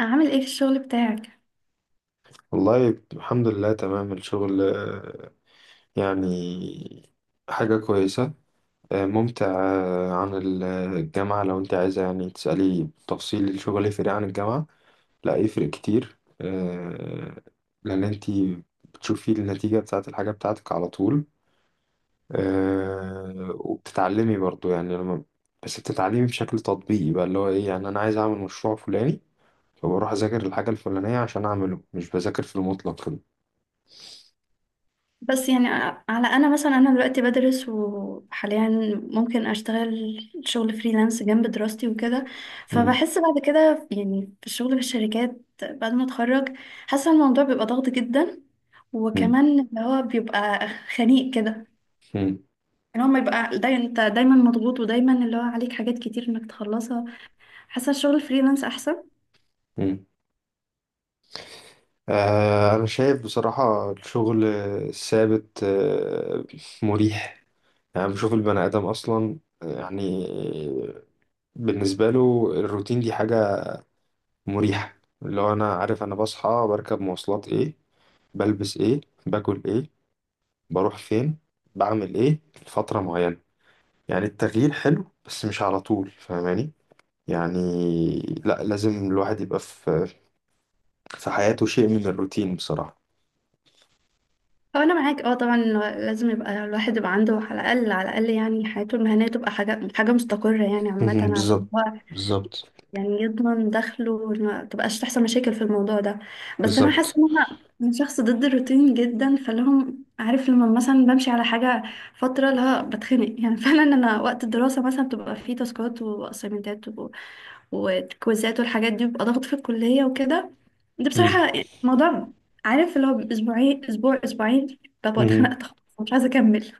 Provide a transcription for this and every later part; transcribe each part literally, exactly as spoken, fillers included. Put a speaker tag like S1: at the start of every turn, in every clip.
S1: عامل ايه في الشغل بتاعك؟
S2: والله الحمد لله تمام الشغل، آه، يعني حاجة كويسة، آه، ممتع، آه، عن ال- الجامعة. لو انت عايزة يعني تسألي تفصيل الشغل يفرق عن الجامعة، لا يفرق كتير، آه، لأن انت بتشوفي النتيجة بتاعة الحاجة بتاعتك على طول، آه، وبتتعلمي برضو. يعني لما بس بتتعلمي بشكل تطبيقي بقى، اللي هو ايه، يعني انا عايز اعمل مشروع فلاني، فبروح اذاكر الحاجة الفلانية عشان اعمله، مش بذاكر في المطلق كده.
S1: بس يعني ع- على انا مثلا انا دلوقتي بدرس وحاليا ممكن اشتغل شغل فريلانس جنب دراستي وكده.
S2: مم.
S1: فبحس بعد كده يعني في الشغل في الشركات بعد ما اتخرج حاسه الموضوع بيبقى ضغط جدا،
S2: مم.
S1: وكمان اللي هو بيبقى خنيق كده.
S2: مم.
S1: يعني هو ما يبقى دايما انت دايما مضغوط ودايما اللي هو عليك حاجات كتير انك تخلصها. حاسه الشغل الفريلانس احسن.
S2: مم. آه، أنا شايف بصراحة الشغل الثابت، آه، مريح. يعني بشوف البني آدم أصلا، آه، يعني بالنسبة له الروتين دي حاجة مريحة. اللي هو أنا عارف أنا بصحى بركب مواصلات إيه، بلبس إيه، باكل إيه، بروح فين، بعمل إيه، لفترة معينة. يعني التغيير حلو بس مش على طول، فاهماني؟ يعني لا، لازم الواحد يبقى في في حياته شيء من الروتين بصراحة.
S1: هو انا معاك اه طبعا، لو- لازم يبقى الواحد يبقى عنده على الاقل على الاقل يعني حياته المهنيه تبقى حاجه حاجه مستقره، يعني عامه عشان
S2: بالظبط،
S1: هو
S2: بالظبط،
S1: يعني يضمن دخله وما تبقاش تحصل مشاكل في الموضوع ده. بس انا حاسه
S2: بالظبط.
S1: ان انا من شخص ضد الروتين جدا، فلهم عارف لما مثلا بمشي على حاجه فتره لا بتخنق يعني فعلا انا وقت الدراسه مثلا بتبقى فيه تاسكات واسايمنتات والكويزات والحاجات دي بيبقى ضغط في الكلية وكده. ده
S2: مم.
S1: بصراحة موضوع عارف اللي هو أسبوعين أسبوع أسبوعين ببقى
S2: مم.
S1: اتخنقت خلاص، مش عايزة أكمل.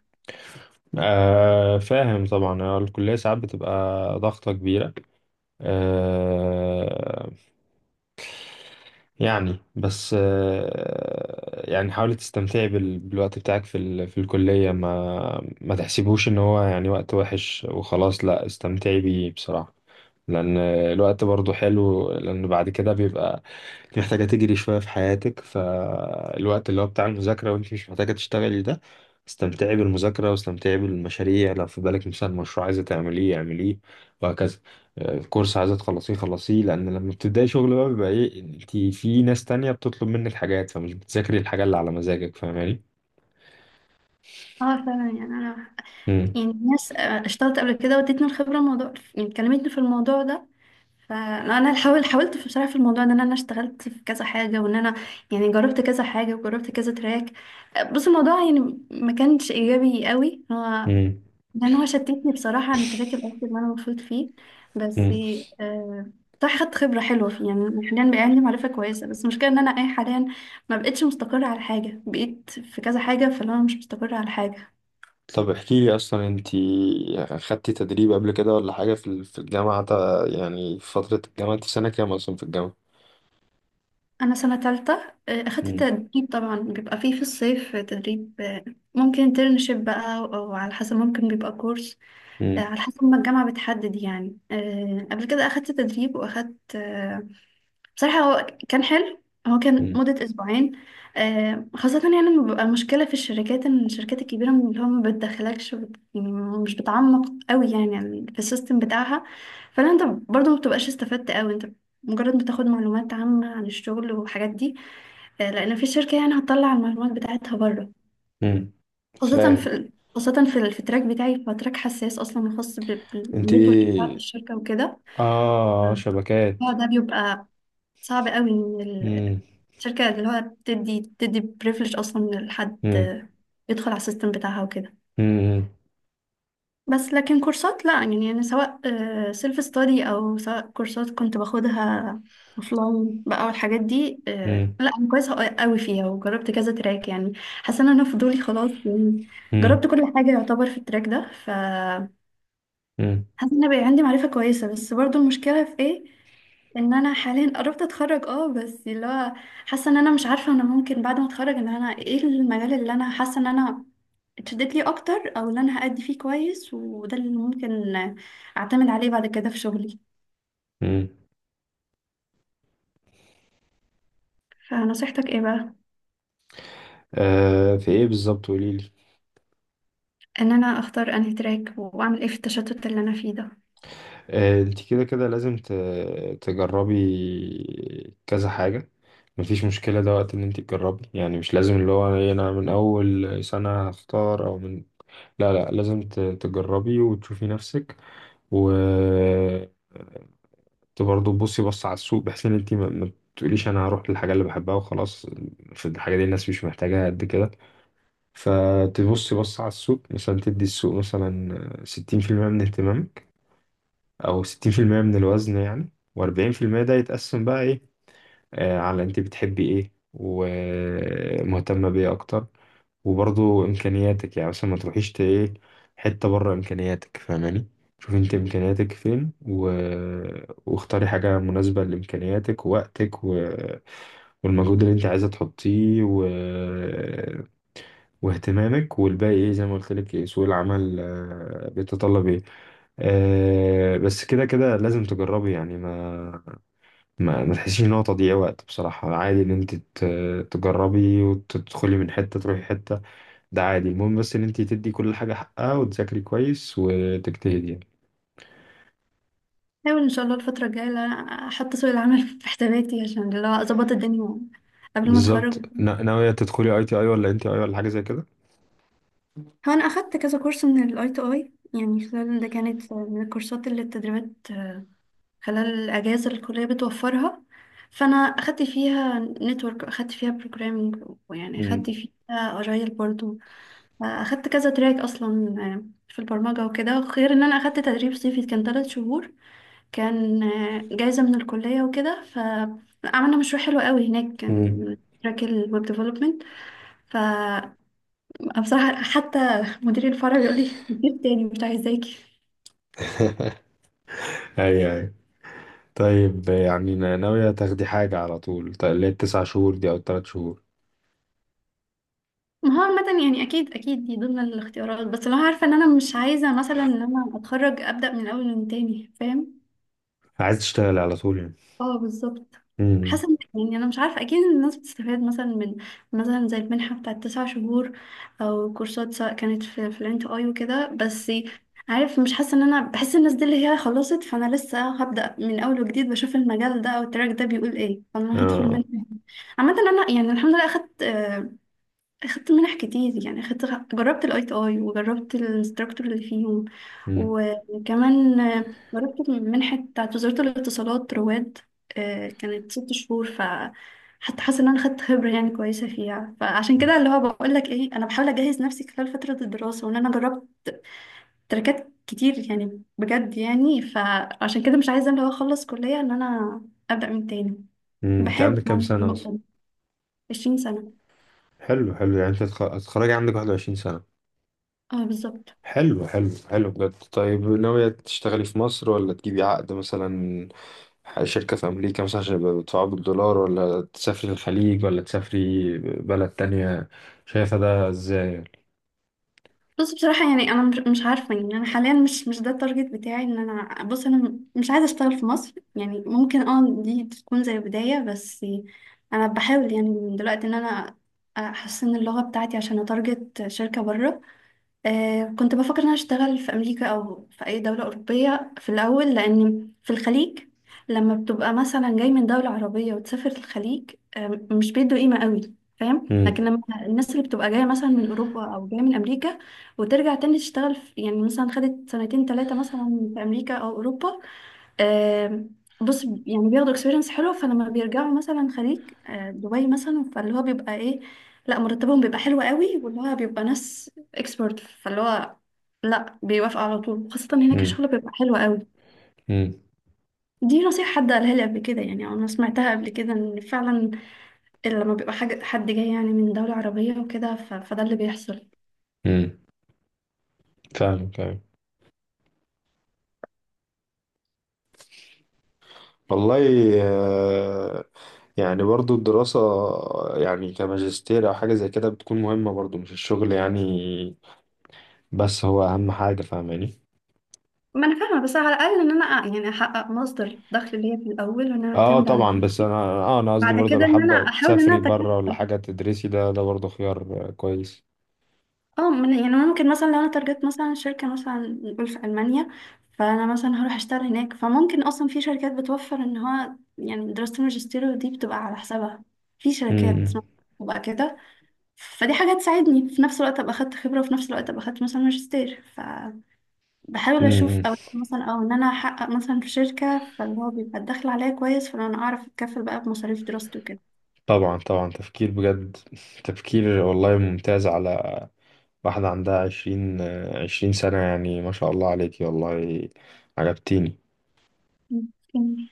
S2: آه، فاهم طبعا. آه، الكلية ساعات بتبقى ضغطة كبيرة. آه يعني بس، آه، يعني حاولي تستمتعي بال- بالوقت بتاعك في ال... في الكلية. ما ما تحسبوش ان هو يعني وقت وحش وخلاص، لا استمتعي بيه بصراحة. لان الوقت برضو حلو، لان بعد كده بيبقى انت محتاجة تجري شوية في حياتك، فالوقت اللي هو بتاع المذاكرة وانت مش محتاجة تشتغلي ده، استمتعي بالمذاكرة واستمتعي بالمشاريع. لو في بالك مثلا مشروع عايزة تعمليه اعمليه، وهكذا. الكورس عايزة تخلصيه خلصيه، لأن لما بتبدأي شغل بقى بيبقى إيه، أنت في ناس تانية بتطلب منك حاجات، فمش بتذاكري الحاجة اللي على مزاجك، فاهماني؟
S1: اه فعلا يعني انا
S2: مم.
S1: يعني ناس آه، اشتغلت قبل كده وادتني الخبره، الموضوع يعني كلمتني في الموضوع ده. فانا حاول حاولت في بصراحه في الموضوع ده ان انا اشتغلت في كذا حاجه، وان انا يعني جربت كذا حاجه وجربت كذا تراك. آه، بص الموضوع يعني ما كانش ايجابي قوي هو،
S2: مم.
S1: لان هو شتتني بصراحه عن التراك الاصلي اللي انا المفروض فيه. بس
S2: مم.
S1: آه صح خدت خبره حلوه فيه. يعني أنا حاليا بقى عندي معرفه كويسه، بس المشكله ان انا اي حاليا ما بقتش مستقره على حاجه، بقيت في كذا حاجه فانا مش مستقره على حاجه.
S2: طب احكي لي أصلا، أنت خدتي تدريب قبل كده ولا حاجة في ال- في الجامعة تا- يعني في فترة الجامعة، أنت في سنة كام أصلا في الجامعة؟
S1: انا سنه تالتة. آه، اخدت
S2: مم.
S1: تدريب طبعا، بيبقى فيه في الصيف تدريب. آه، ممكن انترنشيب بقى او على حسب، ممكن بيبقى كورس. آه،
S2: مم.
S1: على حسب ما الجامعه بتحدد يعني. آه، قبل كده اخدت تدريب واخدت. آه، بصراحة هو كان حلو، هو كان
S2: مم.
S1: مدة أسبوعين. آه، خاصة يعني لما بيبقى المشكلة في الشركات إن الشركات الكبيرة من اللي هو ما بتدخلكش وبت- يعني مش بتعمق قوي يعني في السيستم بتاعها. فلا أنت برضه ما بتبقاش استفدت قوي أنت، مجرد بتاخد معلومات عامة عن الشغل والحاجات دي. آه، لأن في شركة يعني هتطلع المعلومات بتاعتها بره.
S2: مم.
S1: خاصة في
S2: فاهم،
S1: ال- خاصة في ال- في التراك بتاعي هو تراك حساس أصلا، خاص
S2: أنت
S1: بالنتورك بتاع
S2: إيه؟
S1: الشركة وكده.
S2: آه،
S1: آه،
S2: شبكات.
S1: فده بيبقى صعب قوي ان ال-
S2: مم.
S1: الشركة اللي هو بتدي بتدي بريفليج اصلا لحد
S2: مم.
S1: يدخل على السيستم بتاعها وكده.
S2: مم.
S1: بس لكن كورسات لا، يعني انا سواء سيلف ستادي او سواء كورسات كنت باخدها اوفلاين بقى والحاجات دي، آه،
S2: مم.
S1: لا انا كويسة قوي فيها وجربت كذا تراك يعني. حاسة ان انا فضولي خلاص يعني،
S2: مم.
S1: جربت كل حاجة يعتبر في التراك ده. ف
S2: مم.
S1: حاسه ان أنا بقى عندي معرفه كويسه، بس برضو المشكله في ايه، ان انا حاليا قربت اتخرج اه بس اللي هو حاسه ان انا مش عارفه، انا ممكن بعد ما اتخرج ان انا ايه المجال اللي انا حاسه ان انا اتشدت ليه اكتر، او اللي انا هأدي فيه كويس وده اللي ممكن اعتمد عليه بعد كده في شغلي.
S2: مم.
S1: فنصيحتك ايه بقى؟
S2: آه في ايه بالظبط قوليلي؟
S1: ان انا اختار انهي تراك واعمل ايه في التشتت اللي انا فيه ده.
S2: آه انت كده كده لازم ت- تجربي كذا حاجة. مفيش مشكلة، ده وقت ان انت تجربي، يعني مش لازم اللي هو إيه انا من اول سنة هختار او من، لا لا، لازم ت- تجربي وتشوفي نفسك، و ت- برضه تبصي بص على السوق، بحيث ان انت ما ما تقوليش انا هروح للحاجة اللي بحبها وخلاص، في الحاجة دي الناس مش محتاجاها قد كده. فتبصي بص على السوق، مثلا تدي السوق مثلا ستين في المية من اهتمامك، او ستين في المية من الوزن يعني، و40% ده يتقسم بقى ايه، آه على انت بتحبي ايه ومهتمة بيه اكتر، وبرضو امكانياتك. يعني مثلا ما تروحيش ت- ايه، حتة بره امكانياتك، فاهماني؟ شوفي انت امكانياتك فين و... واختاري حاجة مناسبة لامكانياتك ووقتك و... والمجهود اللي انت عايزة تحطيه و... واهتمامك، والباقي ايه زي ما قلت لك، ايه سوق العمل، آه، بيتطلب ايه. آه، بس كده كده لازم تجربي، يعني ما ما, ما تحسيش ان هو تضييع وقت بصراحة. عادي ان انت ت- تجربي وتدخلي من حتة تروحي حتة، ده عادي. المهم بس ان انت تدي كل حاجة حقها وتذاكري كويس وتجتهدي يعني.
S1: احاول ان شاء الله الفتره الجايه إن أنا احط سوق العمل في حساباتي عشان اللي هو اظبط الدنيا قبل ما اتخرج.
S2: بالظبط. نا- ناوية تدخلي اي تي اي ولا ان تي اي ولا حاجة زي كده؟
S1: هو انا اخدت كذا كورس من الاي تو اي يعني. خلال ده كانت من الكورسات اللي التدريبات خلال الاجازه اللي الكليه بتوفرها. فانا اخدت فيها نتورك، اخدت فيها بروجرامينج، ويعني اخدت
S2: امم.
S1: فيها اجايل برضو. اخدت كذا تراك اصلا آه، في البرمجه وكده، غير ان انا اخدت تدريب صيفي كان ثلاث شهور، كان آه، جايزه من الكليه وكده، فعملنا مشروع حلو قوي هناك،
S2: امم.
S1: كان تراك الويب ديفلوبمنت. انا بصراحه حتى مدير الفرع بيقول لي مدير تاني مش عايزاكي.
S2: ايوه، ايوه. طيب يعني نا- ناوية تاخدي حاجة على طول، ط- اللي هي التسع شهور دي او التلات شهور؟
S1: ما هو عامة يعني أكيد أكيد دي ضمن الاختيارات، بس لو عارفة إن أنا مش عايزة مثلا إن أنا أتخرج أبدأ من أول من تاني، فاهم؟
S2: عايز تشتغلي على طول يعني؟
S1: اه بالظبط.
S2: امم.
S1: حاسه إن- يعني انا مش عارفه اكيد إن الناس بتستفاد مثلا من، مثلا زي المنحه بتاعت تسع شهور، او كورسات سواء كانت في في الانت اي وكده. بس عارف مش حاسه ان انا، بحس الناس دي اللي هي خلصت فانا لسه هبدا من اول وجديد، بشوف المجال ده او التراك ده بيقول ايه فانا هدخل
S2: اه.
S1: منه. عامه انا يعني الحمد لله اخدت اخدت منح كتير يعني. اخدت جربت الاي تي اي وجربت الانستراكتور اللي فيهم،
S2: امم.
S1: وكمان جربت المنحة بتاعت وزارة الاتصالات رواد. آه، كانت ست شهور. ف حتى حاسة ان انا خدت خبرة يعني كويسة فيها، فعشان كده اللي هو بقول لك ايه، انا بحاول اجهز نفسي خلال فترة الدراسة وان انا جربت تركات كتير يعني بجد يعني. فعشان كده مش عايزة اللي هو اخلص كلية ان انا ابدأ من تاني.
S2: انت
S1: بحاول
S2: عندك كام
S1: يعني في
S2: سنة اصلا؟
S1: النقطة دي. عشرين سنة.
S2: حلو، حلو، يعني انت هتخ- هتتخرجي عندك واحد وعشرين سنة.
S1: اه بالظبط.
S2: حلو، حلو، حلو، بجد. طيب ناوية تشتغلي في مصر ولا تجيبي عقد مثلا شركة في أمريكا مثلا عشان يبقى بيدفعوا بالدولار، ولا تسافري الخليج، ولا تسافري بلد تانية؟ شايفة ده ازاي؟
S1: بص بصراحة يعني أنا مش مش عارفة، يعني أنا حاليا مش مش ده التارجت بتاعي، إن أنا بص أنا م- مش عايزة أشتغل في مصر، يعني ممكن أه دي تكون زي بداية بس. أنا بحاول يعني من دلوقتي إن أنا أحسن اللغة بتاعتي عشان أتارجت شركة بره. آه كنت بفكر ان انا اشتغل في امريكا او في اي دوله اوروبيه في الاول، لان في الخليج لما بتبقى مثلا جاي من دوله عربيه وتسافر الخليج، آه مش بيدوا قيمه قوي، فاهم؟ لكن
S2: امم.
S1: لما الناس اللي بتبقى جايه مثلا من اوروبا او جايه من امريكا وترجع تاني تشتغل في، يعني مثلا خدت سنتين ثلاثه مثلا في امريكا او اوروبا، آم، بص يعني بياخدوا اكسبيرينس حلو، فلما بيرجعوا مثلا خليج آه، دبي مثلا، فاللي هو بيبقى ايه، لا مرتبهم بيبقى حلو قوي، واللي هو بيبقى ناس اكسبرت فاللي هو لا بيوافق على طول، خاصة هناك
S2: امم.
S1: الشغل بيبقى حلو قوي.
S2: امم.
S1: دي نصيحة حد قالها لي قبل كده يعني، أو أنا سمعتها قبل كده، إن فعلا لما بيبقى حاجة حد جاي يعني من دولة عربية وكده، ف- فده اللي بيحصل.
S2: امم. فاهم، فاهم. والله، آه، يعني برضو الدراسة يعني كماجستير أو حاجة زي كده بتكون مهمة برضو، مش الشغل يعني، بس هو أهم حاجة، فاهماني؟
S1: ما أنا فاهمة، بس على الأقل إن أنا يعني أحقق مصدر دخل ليا في الأول، وإن أنا
S2: اه
S1: أعتمد على،
S2: طبعا، بس انا، اه انا قصدي
S1: بعد
S2: برضه
S1: كده
S2: لو
S1: إن أنا
S2: حابه
S1: أحاول إن أنا
S2: تسافري بره
S1: أتكفل.
S2: ولا حاجه تدرسي، ده ده برضه خيار، آه، كويس.
S1: اه من- يعني ممكن مثلا لو انا تارجت مثلا شركة، مثلا نقول في ألمانيا، فانا مثلا هروح اشتغل هناك، فممكن اصلا في شركات بتوفر ان هو يعني دراسة الماجستير دي بتبقى على حسابها، في شركات
S2: امم.
S1: بتبقى كده. فدي حاجة تساعدني، في نفس الوقت ابقى اخدت خبرة وفي نفس الوقت ابقى اخدت مثلا ماجستير، فبحاول اشوف.
S2: امم.
S1: او مثلا او ان انا احقق مثلا في شركة فاللي هو بيبقى الدخل عليا كويس، فانا اعرف اتكفل بقى بمصاريف دراستي وكده.
S2: طبعا، طبعا، تفكير بجد، تفكير والله ممتاز، على واحده عندها عشرين عشرين سنه يعني، ما شاء الله عليكي، والله عجبتيني.
S1: ممكن.